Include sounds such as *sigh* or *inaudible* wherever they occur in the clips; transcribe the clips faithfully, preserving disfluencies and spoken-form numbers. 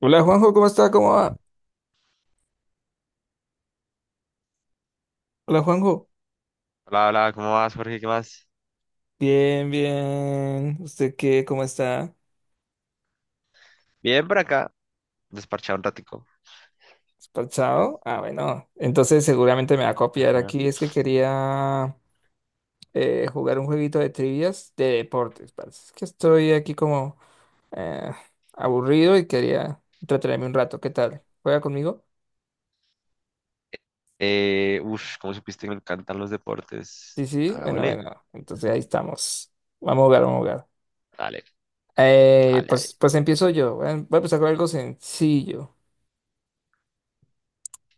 Hola Juanjo, ¿cómo está? ¿Cómo va? Hola Juanjo. Hola, hola, ¿cómo vas, Jorge? ¿Qué más? Bien, bien. ¿Usted qué? ¿Cómo está? Bien por acá, desparchado un ratico. ¿Despachado? Ah, bueno. Entonces seguramente me va a copiar Ajá. aquí. Es que quería eh, jugar un jueguito de trivias de deportes, parce. Es que estoy aquí como eh, aburrido y quería entretenerme un rato. ¿Qué tal? ¿Juega conmigo? Eh, uf, ¿cómo supiste que me encantan los deportes? Sí, sí. Bueno, Hagámosle. bueno. Entonces ahí estamos. Vamos a jugar, vamos a jugar. Dale, Eh, dale, dale. pues, pues empiezo yo. Voy a voy a empezar con algo sencillo.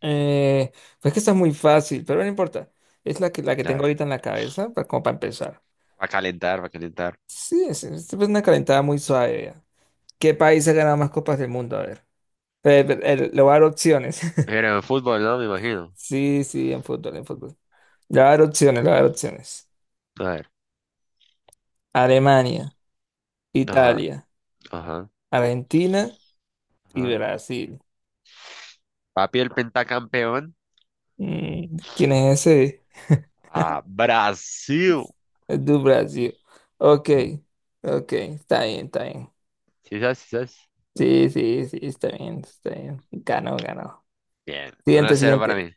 Eh, pues que está muy fácil, pero no importa. Es la que, la que A tengo ver, ahorita en la cabeza, pa- como para empezar. va a calentar, va a calentar. Sí, es, es una calentada muy suave, ya. ¿Qué país ha ganado más copas del mundo? A ver. Eh, eh, eh, le voy a dar opciones. *laughs* Pero en fútbol, ¿no? Me imagino. Sí, sí, en fútbol, en fútbol. Le voy a dar opciones, le voy a dar opciones. A ver, Alemania, ajá, Italia, ajá, Argentina y ajá. Brasil. Papi, el pentacampeón. Mm, ¿quién es ese? Ah, Brasil. Es de Brasil. Ok, ok, está bien, está bien. ¿Sí sabes? ¿Sí sabes? Sí, sí, sí, está bien, está bien. Ganó, ganó. Bien, uno a Siguiente, cero para siguiente. mí.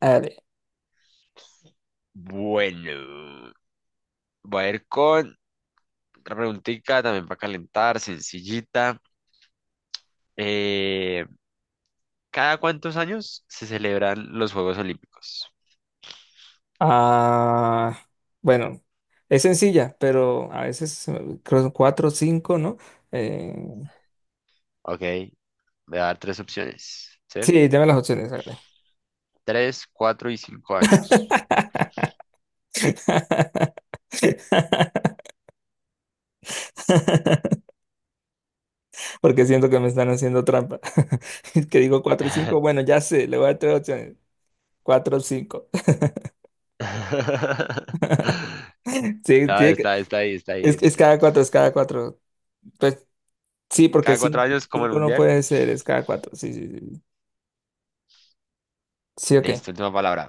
Dale. Bueno, voy a ir con otra preguntica también para calentar, sencillita. Eh, ¿Cada cuántos años se celebran los Juegos Olímpicos? Ah, bueno, es sencilla, pero a veces se me- creo que son cuatro o cinco, ¿no? Eh, Ok, voy a dar tres opciones, ¿sí? sí, dame las opciones, dale. Tres, cuatro y cinco años. *laughs* Porque siento que me están haciendo trampa. *laughs* Es que digo cuatro y cinco. Bueno, ya sé, le voy a dar tres opciones. Cuatro o cinco. *laughs* *laughs* Sí, Está, tiene que- está, está ahí, está ahí. es, es Ent- cada cuatro, es cada cuatro. Pues sí, porque Cada cuatro años como el cinco no mundial. puede ser, es cada cuatro. Sí, sí, sí. Sí, ok. Listo, última palabra.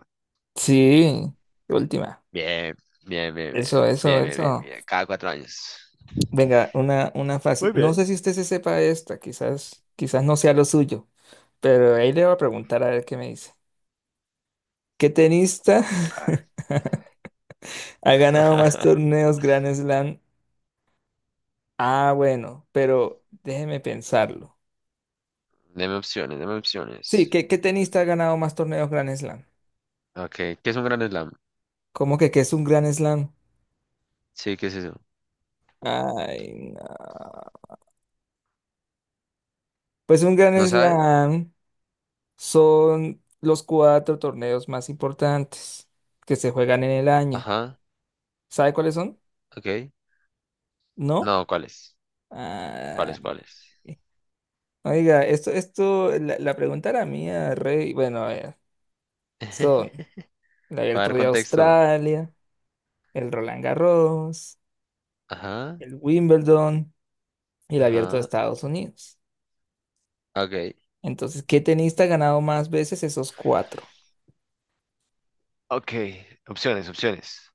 Sí, última. Bien, bien, bien, bien, Eso, eso, bien, bien, bien, eso. bien. Cada cuatro años. Venga, una, una fácil. Muy No bien. sé si usted se sepa esta, quizás, quizás no sea lo suyo, pero ahí le voy a preguntar a ver qué me dice. ¿Qué tenista A ver. *laughs* ha ganado más *laughs* torneos Grand Slam? Ah, bueno, pero déjeme pensarlo. Deme opciones, deme Sí, opciones. ¿qué, qué tenista ha ganado más torneos Grand Slam? Ok, ¿qué es un gran slam? ¿Cómo que qué es un Grand Slam? Sí, ¿qué es eso? Ay, no. Pues un Grand ¿No sabe? Slam. Son los cuatro torneos más importantes que se juegan en el año. Ajá, ¿Sabe cuáles son? ok. ¿No? No, ¿cuál es? ¿Cuál Ah, es, cuál es? oiga, esto, esto, la, la pregunta era mía, Rey. Bueno, a ver, *laughs* son el Para Abierto dar de contexto. Australia, el Roland Garros, Ajá, el Wimbledon y el Abierto de ajá, Estados Unidos. ok, Entonces, ¿qué tenista ha ganado más veces esos cuatro? Ok, opciones, opciones.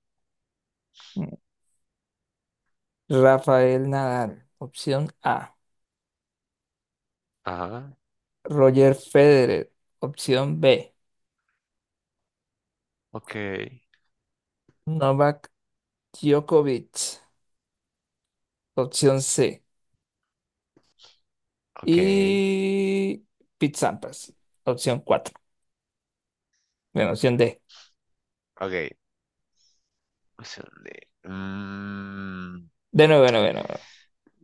Mm. Rafael Nadal, opción A. Ajá, Roger Federer, opción B. ok, Novak Djokovic, opción C. Ok, Y Pete Sampras, opción cuatro. Bueno, opción D. ok. Opción de- mm, De nuevo, de nuevo, de nuevo.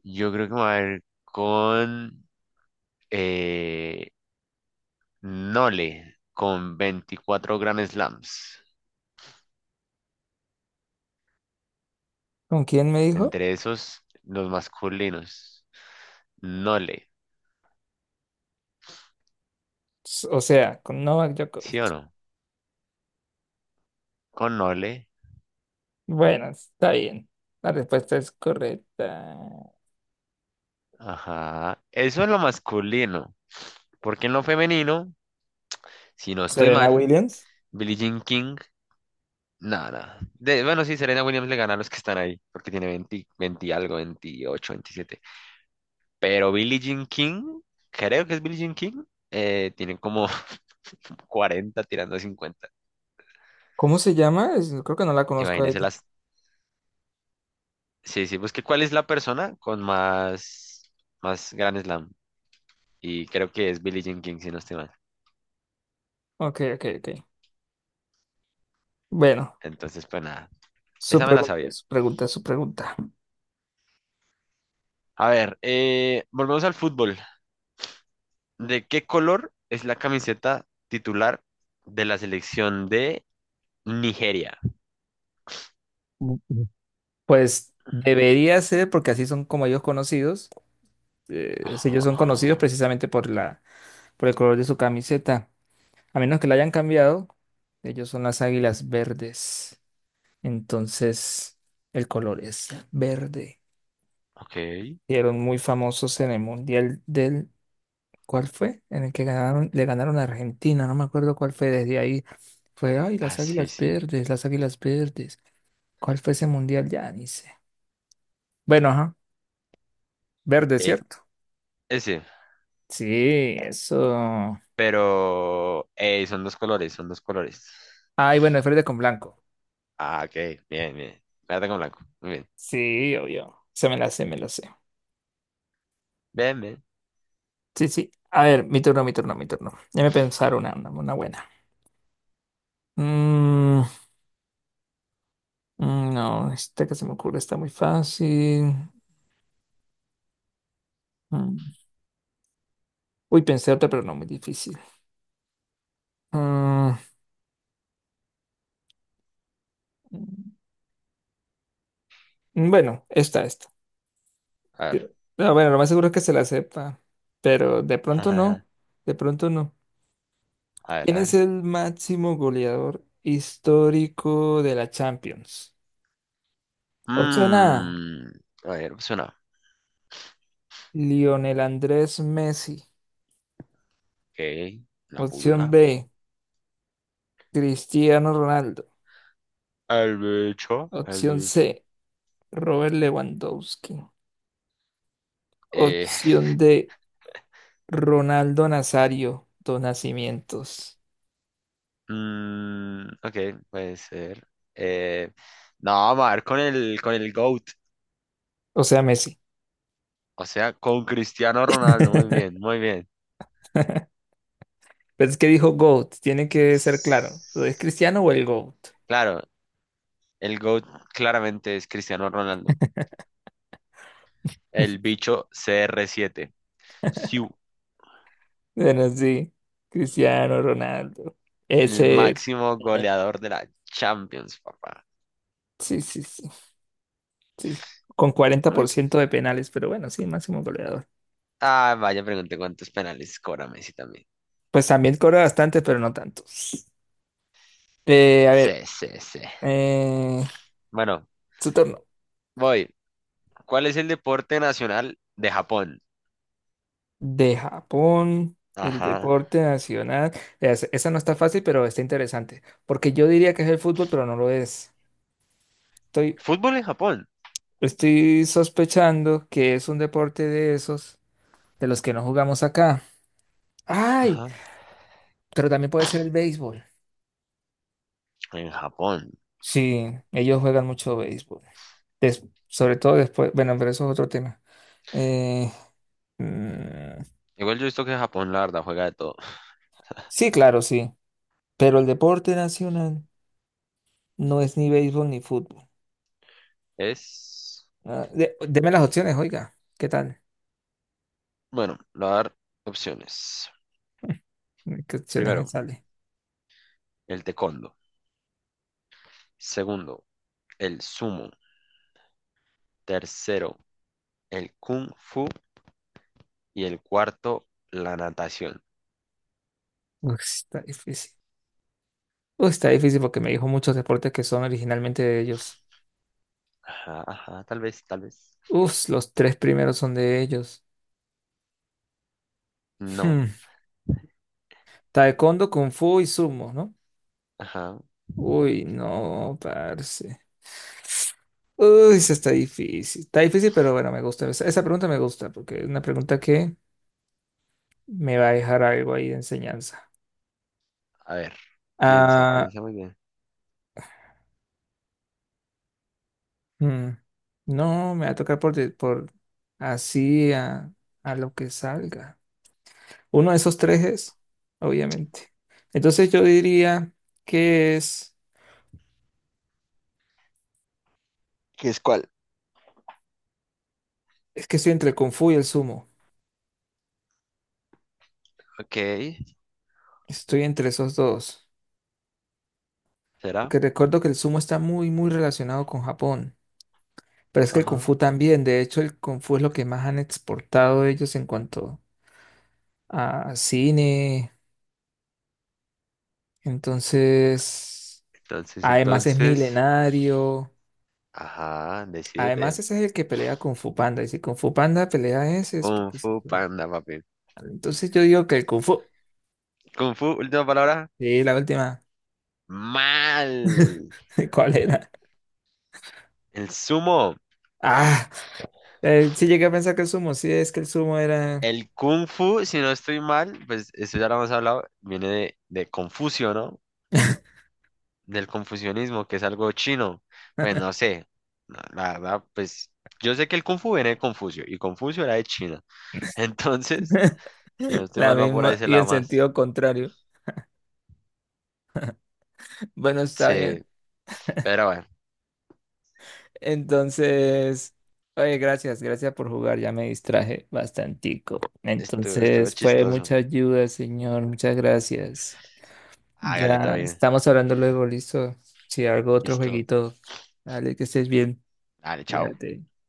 yo creo que me voy a ir con eh, Nole, con veinticuatro Grand Slams. ¿Con quién me dijo? Entre esos, los masculinos. Nole, S- O sea, con Novak ¿sí Djokovic. o no? Con Nole. Bueno, está bien. La respuesta es correcta. Ajá. Eso es lo masculino. Porque en lo femenino, si no estoy Serena mal, Williams. Billie Jean King, nada. De, bueno, sí, Serena Williams le gana a los que están ahí, porque tiene veinte, veinte y algo, veintiocho, veintisiete. Pero Billie Jean King, creo que es Billie Jean King, eh, tiene como *laughs* cuarenta tirando a cincuenta. ¿Cómo se llama? Es- Creo que no la conozco a Imagínense ella. las... Sí, sí, busqué cuál es la persona con más, más Grand Slam. Y creo que es Billie Jean King, si no estoy mal. Ok, ok, ok. Bueno, Entonces, pues nada, su esa me la pregunta, sabía. su pregunta, su pregunta. A ver, eh, volvemos al fútbol. ¿De qué color es la camiseta titular de la selección de Nigeria? Mm, mm. Pues debería ser, porque así son como ellos conocidos, eh, si Ajá, ellos son conocidos ajá. precisamente por la, por el color de su camiseta. A menos que la hayan cambiado, ellos son las águilas verdes. Entonces, el color es verde. Ok. Fueron muy famosos en el Mundial del... ¿Cuál fue? En el que ganaron, le ganaron a Argentina, no me acuerdo cuál fue. Desde ahí fue, ay, Ah, las sí, águilas sí. verdes, las águilas verdes. ¿Cuál fue ese Mundial? Ya ni sé. Bueno, ajá, verde, Eh, ¿cierto? ese. Sí, eso. Pero eh, son dos colores, son dos colores. Ay, bueno, es verde con blanco. Ah, ok. Bien, bien. Verde con blanco. Muy bien. Sí, obvio. Se me la sé, me la sé. Bien, bien. Sí, sí. A ver, mi turno, mi turno, mi turno. Déjame pensar una, una, una buena. Mm, mm, no, esta que se me ocurre está muy fácil. Mm. Uy, pensé otra, pero no muy difícil. Mm, mm, bueno, esta, esta. A ver. Eh, no, bueno, lo más seguro es que se la sepa, pero de pronto no. *laughs* De pronto no. A ver, ¿Quién a es ver. el máximo goleador histórico de la Champions? Opción A, Mm, a ver, pues una. Lionel Andrés Messi. Ok. Una Opción pulga. B, Cristiano Ronaldo. El bicho. El Opción bicho. C, Robert Lewandowski. Eh, Opción D, Ronaldo Nazario dos Nacimientos. *laughs* mm, ok, puede ser. Eh, no, vamos a ver con el, con el GOAT. O sea, Messi. O sea, con Cristiano Ronaldo, muy bien, *laughs* muy bien. Pero es que dijo GOAT, tiene que ser claro. ¿Lo es Cristiano o el GOAT? Claro, el GOAT claramente es Cristiano Ronaldo, el bicho C R siete. Siu, Bueno, sí, Cristiano Ronaldo. el Ese es. máximo Eh, goleador de la Champions, papá. Sí, sí, sí, sí. Con cuarenta por Bueno. ciento de penales, pero bueno, sí, máximo goleador. Ah, vaya, pregunté cuántos penales cobra Messi también. Pues también cobra bastante, pero no tantos. Eh, a Sí, ver, sí, sí. Eh, Bueno, su turno. voy. ¿Cuál es el deporte nacional de Japón? De Japón, el Ajá. deporte nacional. Es- esa no está fácil, pero está interesante. Porque yo diría que es el fútbol, pero no lo es. Estoy, Fútbol en Japón. estoy sospechando que es un deporte de esos, de los que no jugamos acá. ¡Ay! Ajá. Pero también puede ser el béisbol. En Japón. Sí, ellos juegan mucho béisbol. Des- sobre todo después. Bueno, pero eso es otro tema. Eh, mm, Igual yo he visto que Japón, la verdad, juega de todo. sí, claro, sí. Pero el deporte nacional no es ni béisbol ni fútbol. Es. Ah, de- deme las opciones, oiga. ¿Qué tal? Bueno, le voy a dar opciones. *laughs* ¿Qué opciones me Primero, sale? el taekwondo. Segundo, el sumo. Tercero, el kung fu. Y el cuarto, la natación. Uf, está difícil. Uf, está difícil porque me dijo muchos deportes que son originalmente de ellos. Ajá, ajá, tal vez, tal vez. Uf, los tres primeros son de ellos. Hmm, No, Taekwondo, Kung Fu y Sumo, ¿no? ajá. Uy, no, parce. Uy, eso está difícil. Está difícil, pero bueno, me gusta. Esa, esa pregunta me gusta porque es una pregunta que me va a dejar algo ahí de enseñanza. A ver, piensa, Ah. piensa muy bien. Mm, no, me va a tocar por, de- por así a, a lo que salga. Uno de esos tres es, obviamente. Entonces yo diría que es, ¿Qué es cuál? es que estoy entre el Kung Fu y el Sumo. Ok, Estoy entre esos dos. será. Porque recuerdo que el Sumo está muy, muy relacionado con Japón. Pero es que el Kung Ajá. Fu también. De hecho, el Kung Fu es lo que más han exportado ellos en cuanto a cine. Entonces, Entonces, además es entonces, milenario. ajá, Además, decídete. ese es el que pelea con Fu Panda. Y si Kung Fu Panda pelea ese, es Kung porque Fu se fue. Panda, papi. Entonces yo digo que el Kung Fu. Kung Fu, última palabra. Sí, la última. Mal. *laughs* ¿Cuál era? El sumo. Ah, eh, sí llegué a pensar que el sumo. Sí, es que el sumo era El Kung Fu, si no estoy mal, pues esto ya lo hemos hablado, viene de, de Confucio, ¿no? Del confucianismo, que es algo chino. Pues no sé, la la verdad, pues yo sé que el Kung Fu viene de Confucio y Confucio era de China. *laughs* Entonces, *laughs* si no estoy la mal, va por ahí misma ese y en lado más. sentido contrario. Bueno, está Sí, bien. pero bueno, Entonces, oye, gracias, gracias por jugar. Ya me distraje bastantico. estuvo, estuvo Entonces, fue chistoso. mucha ayuda, señor. Muchas gracias. Hágale, todo Ya bien. estamos hablando luego, listo. Si algo, otro Listo. jueguito. Dale, que estés bien. Dale, chao. Fíjate.